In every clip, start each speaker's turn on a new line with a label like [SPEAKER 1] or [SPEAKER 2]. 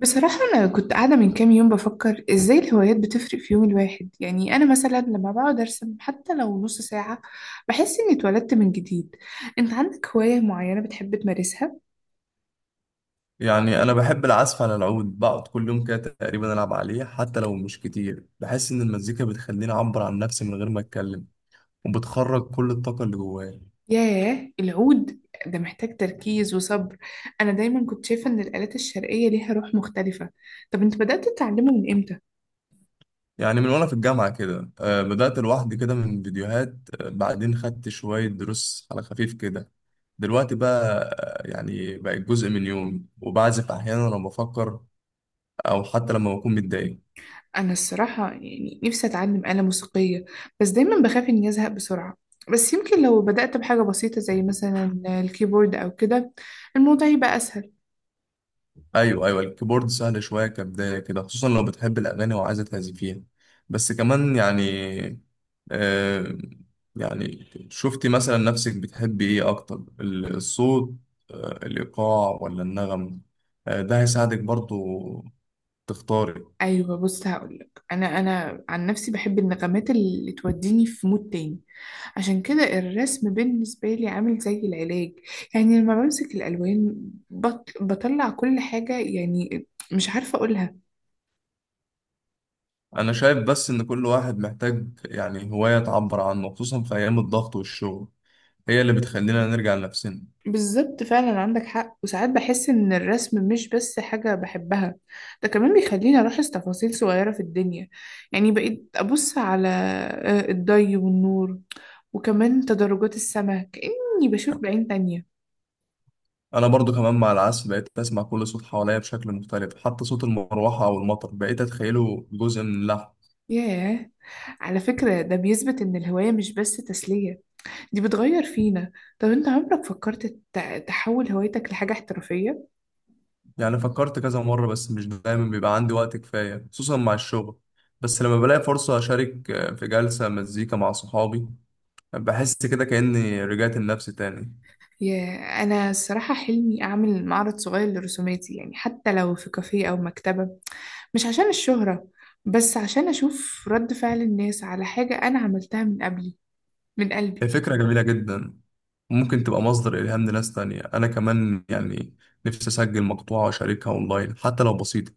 [SPEAKER 1] بصراحة أنا كنت قاعدة من كام يوم بفكر إزاي الهوايات بتفرق في يوم الواحد، يعني أنا مثلا لما بقعد أرسم حتى لو نص ساعة بحس إني اتولدت من جديد. أنت عندك هواية معينة بتحب تمارسها؟
[SPEAKER 2] يعني أنا بحب العزف على العود، بقعد كل يوم كده تقريبا ألعب عليه حتى لو مش كتير. بحس إن المزيكا بتخليني أعبر عن نفسي من غير ما أتكلم وبتخرج كل الطاقة اللي جوايا.
[SPEAKER 1] ياه، العود ده محتاج تركيز وصبر. أنا دايما كنت شايفة إن الآلات الشرقية ليها روح مختلفة. طب أنت بدأت تتعلمه من إمتى؟
[SPEAKER 2] يعني من وأنا في الجامعة كده، بدأت لوحدي كده من فيديوهات. بعدين خدت شوية دروس على خفيف كده. دلوقتي بقى يعني بقت جزء من يومي وبعزف أحيانا لما بفكر أو حتى لما بكون متضايق.
[SPEAKER 1] أنا الصراحة يعني نفسي أتعلم آلة موسيقية، بس دايما بخاف إني أزهق بسرعة. بس يمكن لو بدأت بحاجة بسيطة زي مثلا الكيبورد أو كده، الموضوع يبقى أسهل.
[SPEAKER 2] ايوه ايوه الكيبورد سهل شويه كبدايه كده، خصوصا لو بتحب الاغاني وعايزه تعزفيها. بس كمان يعني. آه يعني شفتي مثلا نفسك بتحبي ايه اكتر، الصوت الايقاع ولا النغم؟ ده هيساعدك برضو تختاري.
[SPEAKER 1] أيوة بص هقولك، أنا عن نفسي بحب النغمات اللي توديني في مود تاني. عشان كده الرسم بالنسبة لي عامل زي العلاج، يعني لما بمسك الألوان بطلع كل حاجة، يعني مش عارفة أقولها.
[SPEAKER 2] انا شايف بس ان كل واحد محتاج يعني هوايه تعبر عنه، خصوصا في ايام الضغط والشغل هي اللي بتخلينا نرجع لنفسنا.
[SPEAKER 1] بالظبط، فعلا عندك حق. وساعات بحس إن الرسم مش بس حاجة بحبها، ده كمان بيخليني ألاحظ تفاصيل صغيرة في الدنيا. يعني بقيت أبص على الضي والنور، وكمان تدرجات السماء كأني بشوف بعين تانية.
[SPEAKER 2] انا برضو كمان مع العزف بقيت اسمع كل صوت حواليا بشكل مختلف، حتى صوت المروحه او المطر بقيت اتخيله جزء من اللحن.
[SPEAKER 1] ياه، على فكرة ده بيثبت إن الهواية مش بس تسلية، دي بتغير فينا. طب أنت عمرك فكرت تحول هوايتك لحاجة احترافية؟
[SPEAKER 2] يعني فكرت كذا مره بس مش دايما بيبقى عندي وقت كفايه خصوصا مع الشغل. بس لما بلاقي فرصه اشارك في جلسه مزيكا مع صحابي بحس كده كاني رجعت لنفسي تاني.
[SPEAKER 1] ياه، أنا الصراحة حلمي أعمل معرض صغير لرسوماتي، يعني حتى لو في كافيه أو مكتبة. مش عشان الشهرة، بس عشان أشوف رد فعل الناس على حاجة أنا عملتها من قبلي، من
[SPEAKER 2] هي
[SPEAKER 1] قلبي.
[SPEAKER 2] فكره جميله جدا، ممكن تبقى مصدر الهام لناس تانية. انا كمان يعني نفسي اسجل مقطوعه واشاركها اونلاين حتى لو بسيطه،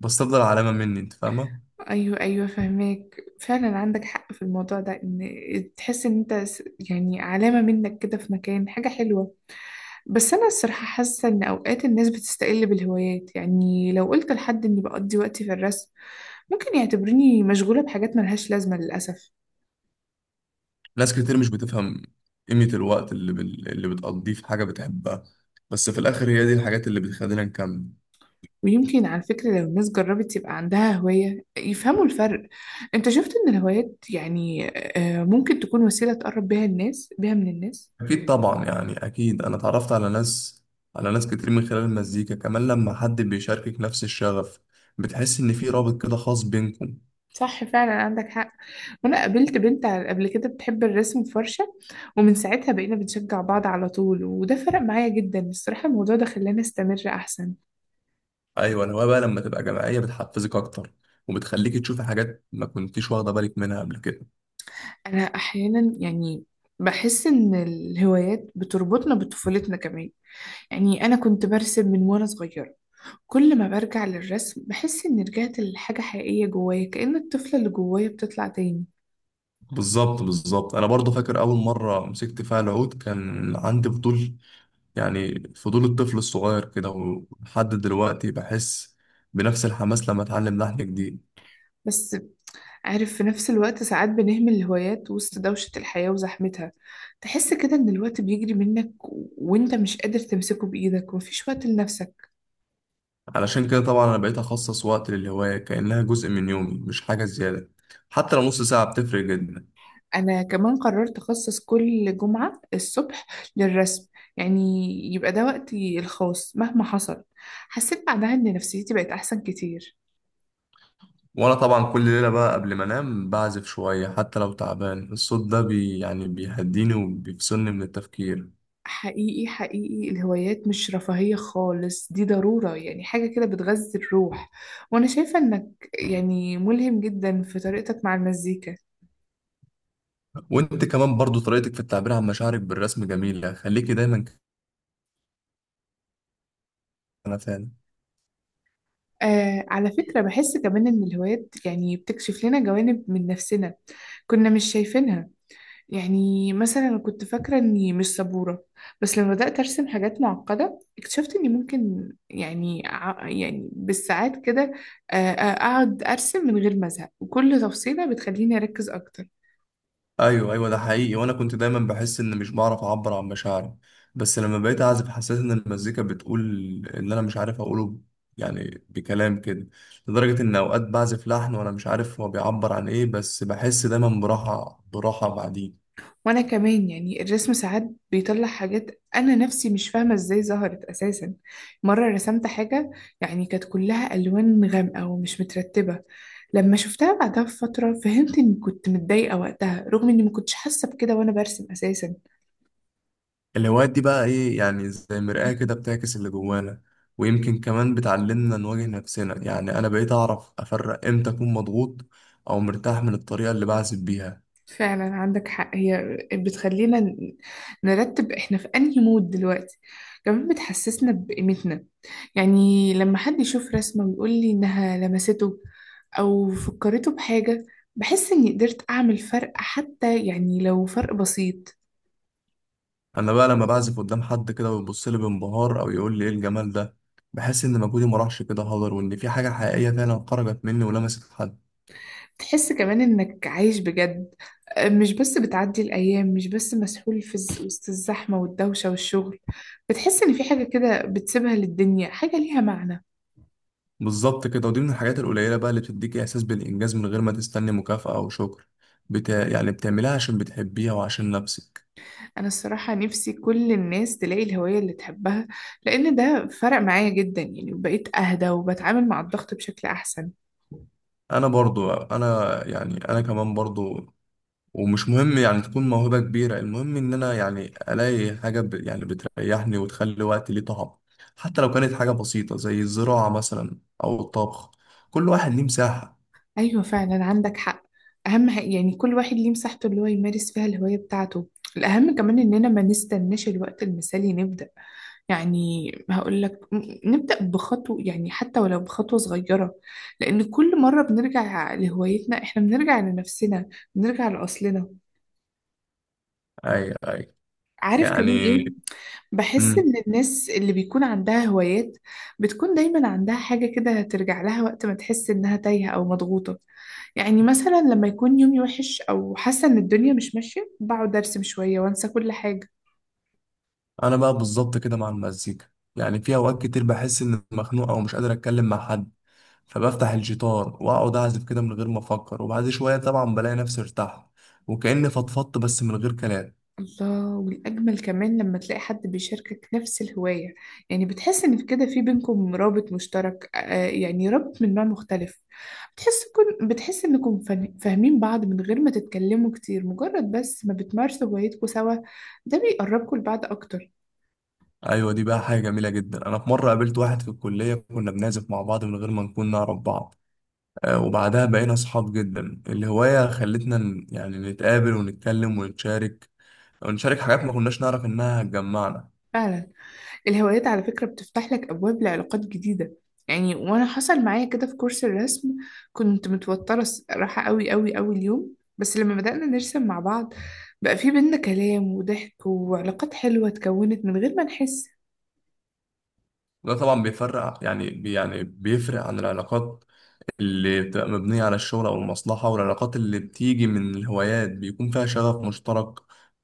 [SPEAKER 2] بس تفضل علامه مني. انت فاهمه.
[SPEAKER 1] أيوة فهماك، فعلا عندك حق في الموضوع ده، إن تحس إن أنت يعني علامة منك كده في مكان، حاجة حلوة. بس أنا الصراحة حاسة إن أوقات الناس بتستقل بالهوايات، يعني لو قلت لحد إني بقضي وقتي في الرسم ممكن يعتبرني مشغولة بحاجات ملهاش لازمة، للأسف.
[SPEAKER 2] ناس كتير مش بتفهم قيمة الوقت اللي اللي بتقضيه في حاجة بتحبها، بس في الآخر هي دي الحاجات اللي بتخلينا نكمل.
[SPEAKER 1] ويمكن على فكرة لو الناس جربت يبقى عندها هواية يفهموا الفرق. انت شفت ان الهوايات يعني ممكن تكون وسيلة تقرب بيها الناس من الناس.
[SPEAKER 2] أكيد طبعا، يعني أكيد أنا اتعرفت على ناس، على ناس كتير من خلال المزيكا. كمان لما حد بيشاركك نفس الشغف بتحس إن في رابط كده خاص بينكم.
[SPEAKER 1] صح، فعلا عندك حق. وانا قابلت بنت قبل كده بتحب الرسم بفرشة، ومن ساعتها بقينا بنشجع بعض على طول، وده فرق معايا جدا الصراحة. الموضوع ده خلاني استمر احسن.
[SPEAKER 2] أيوة الهواية بقى لما تبقى جماعية بتحفزك أكتر، وبتخليك تشوفي حاجات ما كنتيش واخدة بالك منها قبل كده.
[SPEAKER 1] انا احيانا يعني بحس ان الهوايات بتربطنا بطفولتنا كمان. يعني انا كنت برسم من وانا صغيرة، كل ما برجع للرسم بحس إني رجعت لحاجة حقيقية جوايا، كأن الطفلة اللي جوايا بتطلع تاني.
[SPEAKER 2] بالظبط بالظبط، أنا برضه فاكر أول مرة مسكت فيها العود كان عندي فضول، يعني فضول الطفل الصغير كده. ولحد دلوقتي بحس بنفس الحماس لما اتعلم لحن جديد.
[SPEAKER 1] بس عارف، في نفس الوقت ساعات بنهمل الهوايات وسط دوشة الحياة وزحمتها، تحس كده إن الوقت بيجري منك وإنت مش قادر تمسكه بإيدك ومفيش وقت لنفسك.
[SPEAKER 2] علشان كده طبعا انا بقيت اخصص وقت للهواية كأنها جزء من يومي مش حاجة زيادة، حتى لو نص ساعة بتفرق جدا.
[SPEAKER 1] أنا كمان قررت أخصص كل جمعة الصبح للرسم، يعني يبقى ده وقتي الخاص مهما حصل. حسيت بعدها إن نفسيتي بقت أحسن كتير.
[SPEAKER 2] وانا طبعا كل ليلة بقى قبل ما انام بعزف شوية حتى لو تعبان، الصوت ده بي يعني بيهديني وبيفصلني من التفكير.
[SPEAKER 1] حقيقي حقيقي الهوايات مش رفاهية خالص، دي ضرورة، يعني حاجة كده بتغذي الروح. وأنا شايفة إنك يعني ملهم جدا في طريقتك مع المزيكا.
[SPEAKER 2] وانت كمان برضو طريقتك في التعبير عن مشاعرك بالرسم جميلة، خليكي دايما كده. انا فعلا.
[SPEAKER 1] آه على فكرة بحس كمان إن الهوايات يعني بتكشف لنا جوانب من نفسنا كنا مش شايفينها. يعني مثلا أنا كنت فاكرة إني مش صبورة، بس لما بدأت أرسم حاجات معقدة اكتشفت إني ممكن، يعني يعني بالساعات كده، أقعد أرسم من غير ما أزهق، وكل تفصيلة بتخليني أركز أكتر.
[SPEAKER 2] ايوه ايوه ده حقيقي، وانا كنت دايما بحس ان مش بعرف اعبر عن مشاعري، بس لما بقيت اعزف حسيت ان المزيكا بتقول اللي انا مش عارف اقوله، يعني بكلام كده. لدرجة ان اوقات بعزف لحن وانا مش عارف هو بيعبر عن ايه، بس بحس دايما براحة براحة بعدين.
[SPEAKER 1] وانا كمان يعني الرسم ساعات بيطلع حاجات انا نفسي مش فاهمه ازاي ظهرت اساسا. مره رسمت حاجه، يعني كانت كلها الوان غامقه ومش مترتبه. لما شفتها بعدها بفتره فهمت اني كنت متضايقه وقتها، رغم اني ما كنتش حاسه بكده وانا برسم اساسا.
[SPEAKER 2] الهوايات دي بقى ايه، يعني زي مرآة كده بتعكس اللي جوانا. ويمكن كمان بتعلمنا نواجه نفسنا، يعني انا بقيت اعرف افرق امتى اكون مضغوط او مرتاح من الطريقة اللي بعزف بيها.
[SPEAKER 1] فعلا عندك حق، هي بتخلينا نرتب احنا في انهي مود دلوقتي. كمان بتحسسنا بقيمتنا، يعني لما حد يشوف رسمة ويقول لي انها لمسته او فكرته بحاجة، بحس اني قدرت اعمل فرق، حتى يعني لو فرق بسيط.
[SPEAKER 2] انا بقى لما بعزف قدام حد كده ويبص لي بانبهار او يقول لي ايه الجمال ده، بحس ان مجهودي ما راحش كده هدر وان في حاجه حقيقيه فعلا خرجت مني ولمست حد.
[SPEAKER 1] تحس كمان انك عايش بجد، مش بس بتعدي الايام، مش بس مسحول في وسط الزحمة والدوشة والشغل. بتحس ان في حاجة كده بتسيبها للدنيا، حاجة ليها معنى.
[SPEAKER 2] بالظبط كده، ودي من الحاجات القليله بقى اللي بتديك احساس بالانجاز من غير ما تستني مكافاه او شكر. يعني بتعملها عشان بتحبيها وعشان نفسك.
[SPEAKER 1] أنا الصراحة نفسي كل الناس تلاقي الهواية اللي تحبها، لأن ده فرق معايا جدا، يعني بقيت أهدى وبتعامل مع الضغط بشكل أحسن.
[SPEAKER 2] انا برضو انا يعني انا كمان برضو. ومش مهم يعني تكون موهبة كبيرة، المهم إن أنا يعني ألاقي حاجة يعني بتريحني وتخلي وقتي ليه طعم، حتى لو كانت حاجة بسيطة زي الزراعة مثلا أو الطبخ. كل واحد ليه مساحة.
[SPEAKER 1] أيوة فعلا عندك حق. أهم حاجة يعني كل واحد ليه مساحته اللي هو يمارس فيها الهواية بتاعته. الأهم كمان إننا ما نستناش الوقت المثالي نبدأ، يعني هقول لك نبدأ بخطوة، يعني حتى ولو بخطوة صغيرة، لأن كل مرة بنرجع لهوايتنا إحنا بنرجع لنفسنا، بنرجع لأصلنا.
[SPEAKER 2] أي أي
[SPEAKER 1] عارف كمان
[SPEAKER 2] يعني.
[SPEAKER 1] ايه، بحس
[SPEAKER 2] مم.
[SPEAKER 1] ان الناس اللي بيكون عندها هوايات بتكون دايما عندها حاجة كده ترجع لها وقت ما تحس انها تايهة او مضغوطة. يعني مثلا لما يكون يومي وحش او حاسة ان الدنيا مش ماشية بقعد ارسم شوية وانسى كل حاجة.
[SPEAKER 2] أنا بقى بالظبط كده مع المزيكا. يعني في أوقات كتير بحس إني مخنوق أو مش قادر أتكلم مع حد، فبفتح الجيتار وأقعد أعزف كده من غير ما أفكر. وبعد شوية طبعا بلاقي نفسي ارتحت، وكأني فضفضت بس من غير كلام.
[SPEAKER 1] الله، والأجمل كمان لما تلاقي حد بيشاركك نفس الهواية. يعني بتحس إن في كده، في بينكم رابط مشترك، يعني رابط من نوع مختلف. بتحس كن بتحس إنكم فاهمين بعض من غير ما تتكلموا كتير، مجرد بس ما بتمارسوا هوايتكم سوا ده بيقربكم لبعض أكتر.
[SPEAKER 2] ايوه دي بقى حاجه جميله جدا، انا في مره قابلت واحد في الكليه كنا بنعزف مع بعض من غير ما نكون نعرف بعض. وبعدها بقينا اصحاب جدا، الهوايه خلتنا يعني نتقابل ونتكلم ونتشارك، ونشارك حاجات ما كناش نعرف انها هتجمعنا.
[SPEAKER 1] فعلا، الهوايات على فكرة بتفتح لك أبواب لعلاقات جديدة. يعني وأنا حصل معايا كده في كورس الرسم، كنت متوترة راحة قوي قوي قوي اليوم، بس لما بدأنا نرسم مع بعض بقى في بينا كلام وضحك وعلاقات حلوة اتكونت من غير ما نحس.
[SPEAKER 2] وده طبعا بيفرق يعني يعني بيفرق عن العلاقات اللي بتبقى مبنيه على الشغل او المصلحه. والعلاقات اللي بتيجي من الهوايات بيكون فيها شغف مشترك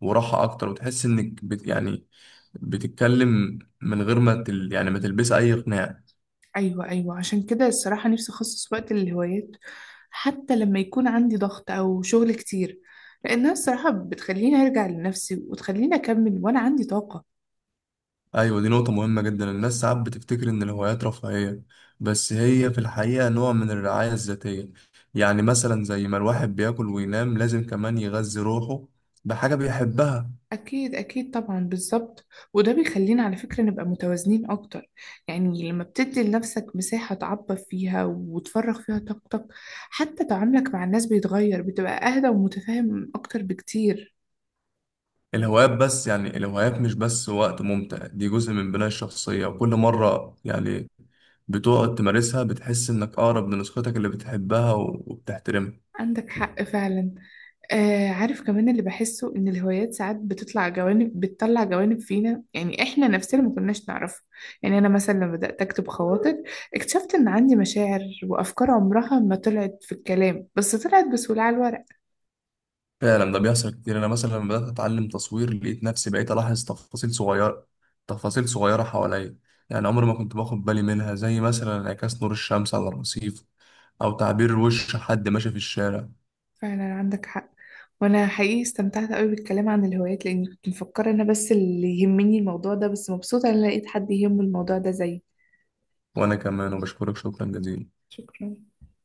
[SPEAKER 2] وراحه اكتر. وتحس انك بت يعني بتتكلم من غير ما يعني ما تلبس اي قناع.
[SPEAKER 1] أيوة عشان كده الصراحة نفسي أخصص وقت للهوايات، حتى لما يكون عندي ضغط أو شغل كتير، لأنها الصراحة بتخليني أرجع لنفسي وتخليني أكمل وأنا عندي طاقة.
[SPEAKER 2] ايوه دي نقطة مهمة جدا، الناس ساعات بتفتكر ان الهوايات رفاهية، بس هي في الحقيقة نوع من الرعاية الذاتية. يعني مثلا زي ما الواحد بياكل وينام لازم كمان يغذي روحه بحاجة بيحبها.
[SPEAKER 1] أكيد طبعا، بالظبط. وده بيخلينا على فكرة نبقى متوازنين أكتر، يعني لما بتدي لنفسك مساحة تعبر فيها وتفرغ فيها طاقتك حتى تعاملك مع الناس بيتغير، بتبقى أهدى ومتفاهم أكتر بكتير.
[SPEAKER 2] الهوايات بس يعني الهوايات مش بس وقت ممتع، دي جزء من بناء الشخصية. وكل مرة يعني بتقعد تمارسها بتحس انك اقرب لنسختك اللي بتحبها وبتحترمها.
[SPEAKER 1] عندك حق فعلا. آه عارف كمان اللي بحسه، إن الهوايات ساعات بتطلع جوانب، بتطلع جوانب فينا يعني إحنا نفسنا ما كناش نعرفها. يعني أنا مثلا لما بدأت أكتب خواطر اكتشفت إن عندي مشاعر وأفكار عمرها ما طلعت في الكلام، بس طلعت بسهولة على الورق.
[SPEAKER 2] فعلا ده بيحصل كتير، انا مثلا لما بدات اتعلم تصوير لقيت نفسي بقيت الاحظ تفاصيل صغيره، تفاصيل صغيره حواليا. يعني عمري ما كنت باخد بالي منها، زي مثلا انعكاس نور الشمس على الرصيف او تعبير وش حد ماشي في الشارع.
[SPEAKER 1] فعلا عندك حق، وانا حقيقي استمتعت قوي بالكلام عن الهوايات، لاني كنت مفكره انا بس اللي يهمني الموضوع ده، بس مبسوطه ان أنا لقيت حد يهمه الموضوع ده زيي.
[SPEAKER 2] وانا كمان وبشكرك شكرا جزيلا.
[SPEAKER 1] شكرا.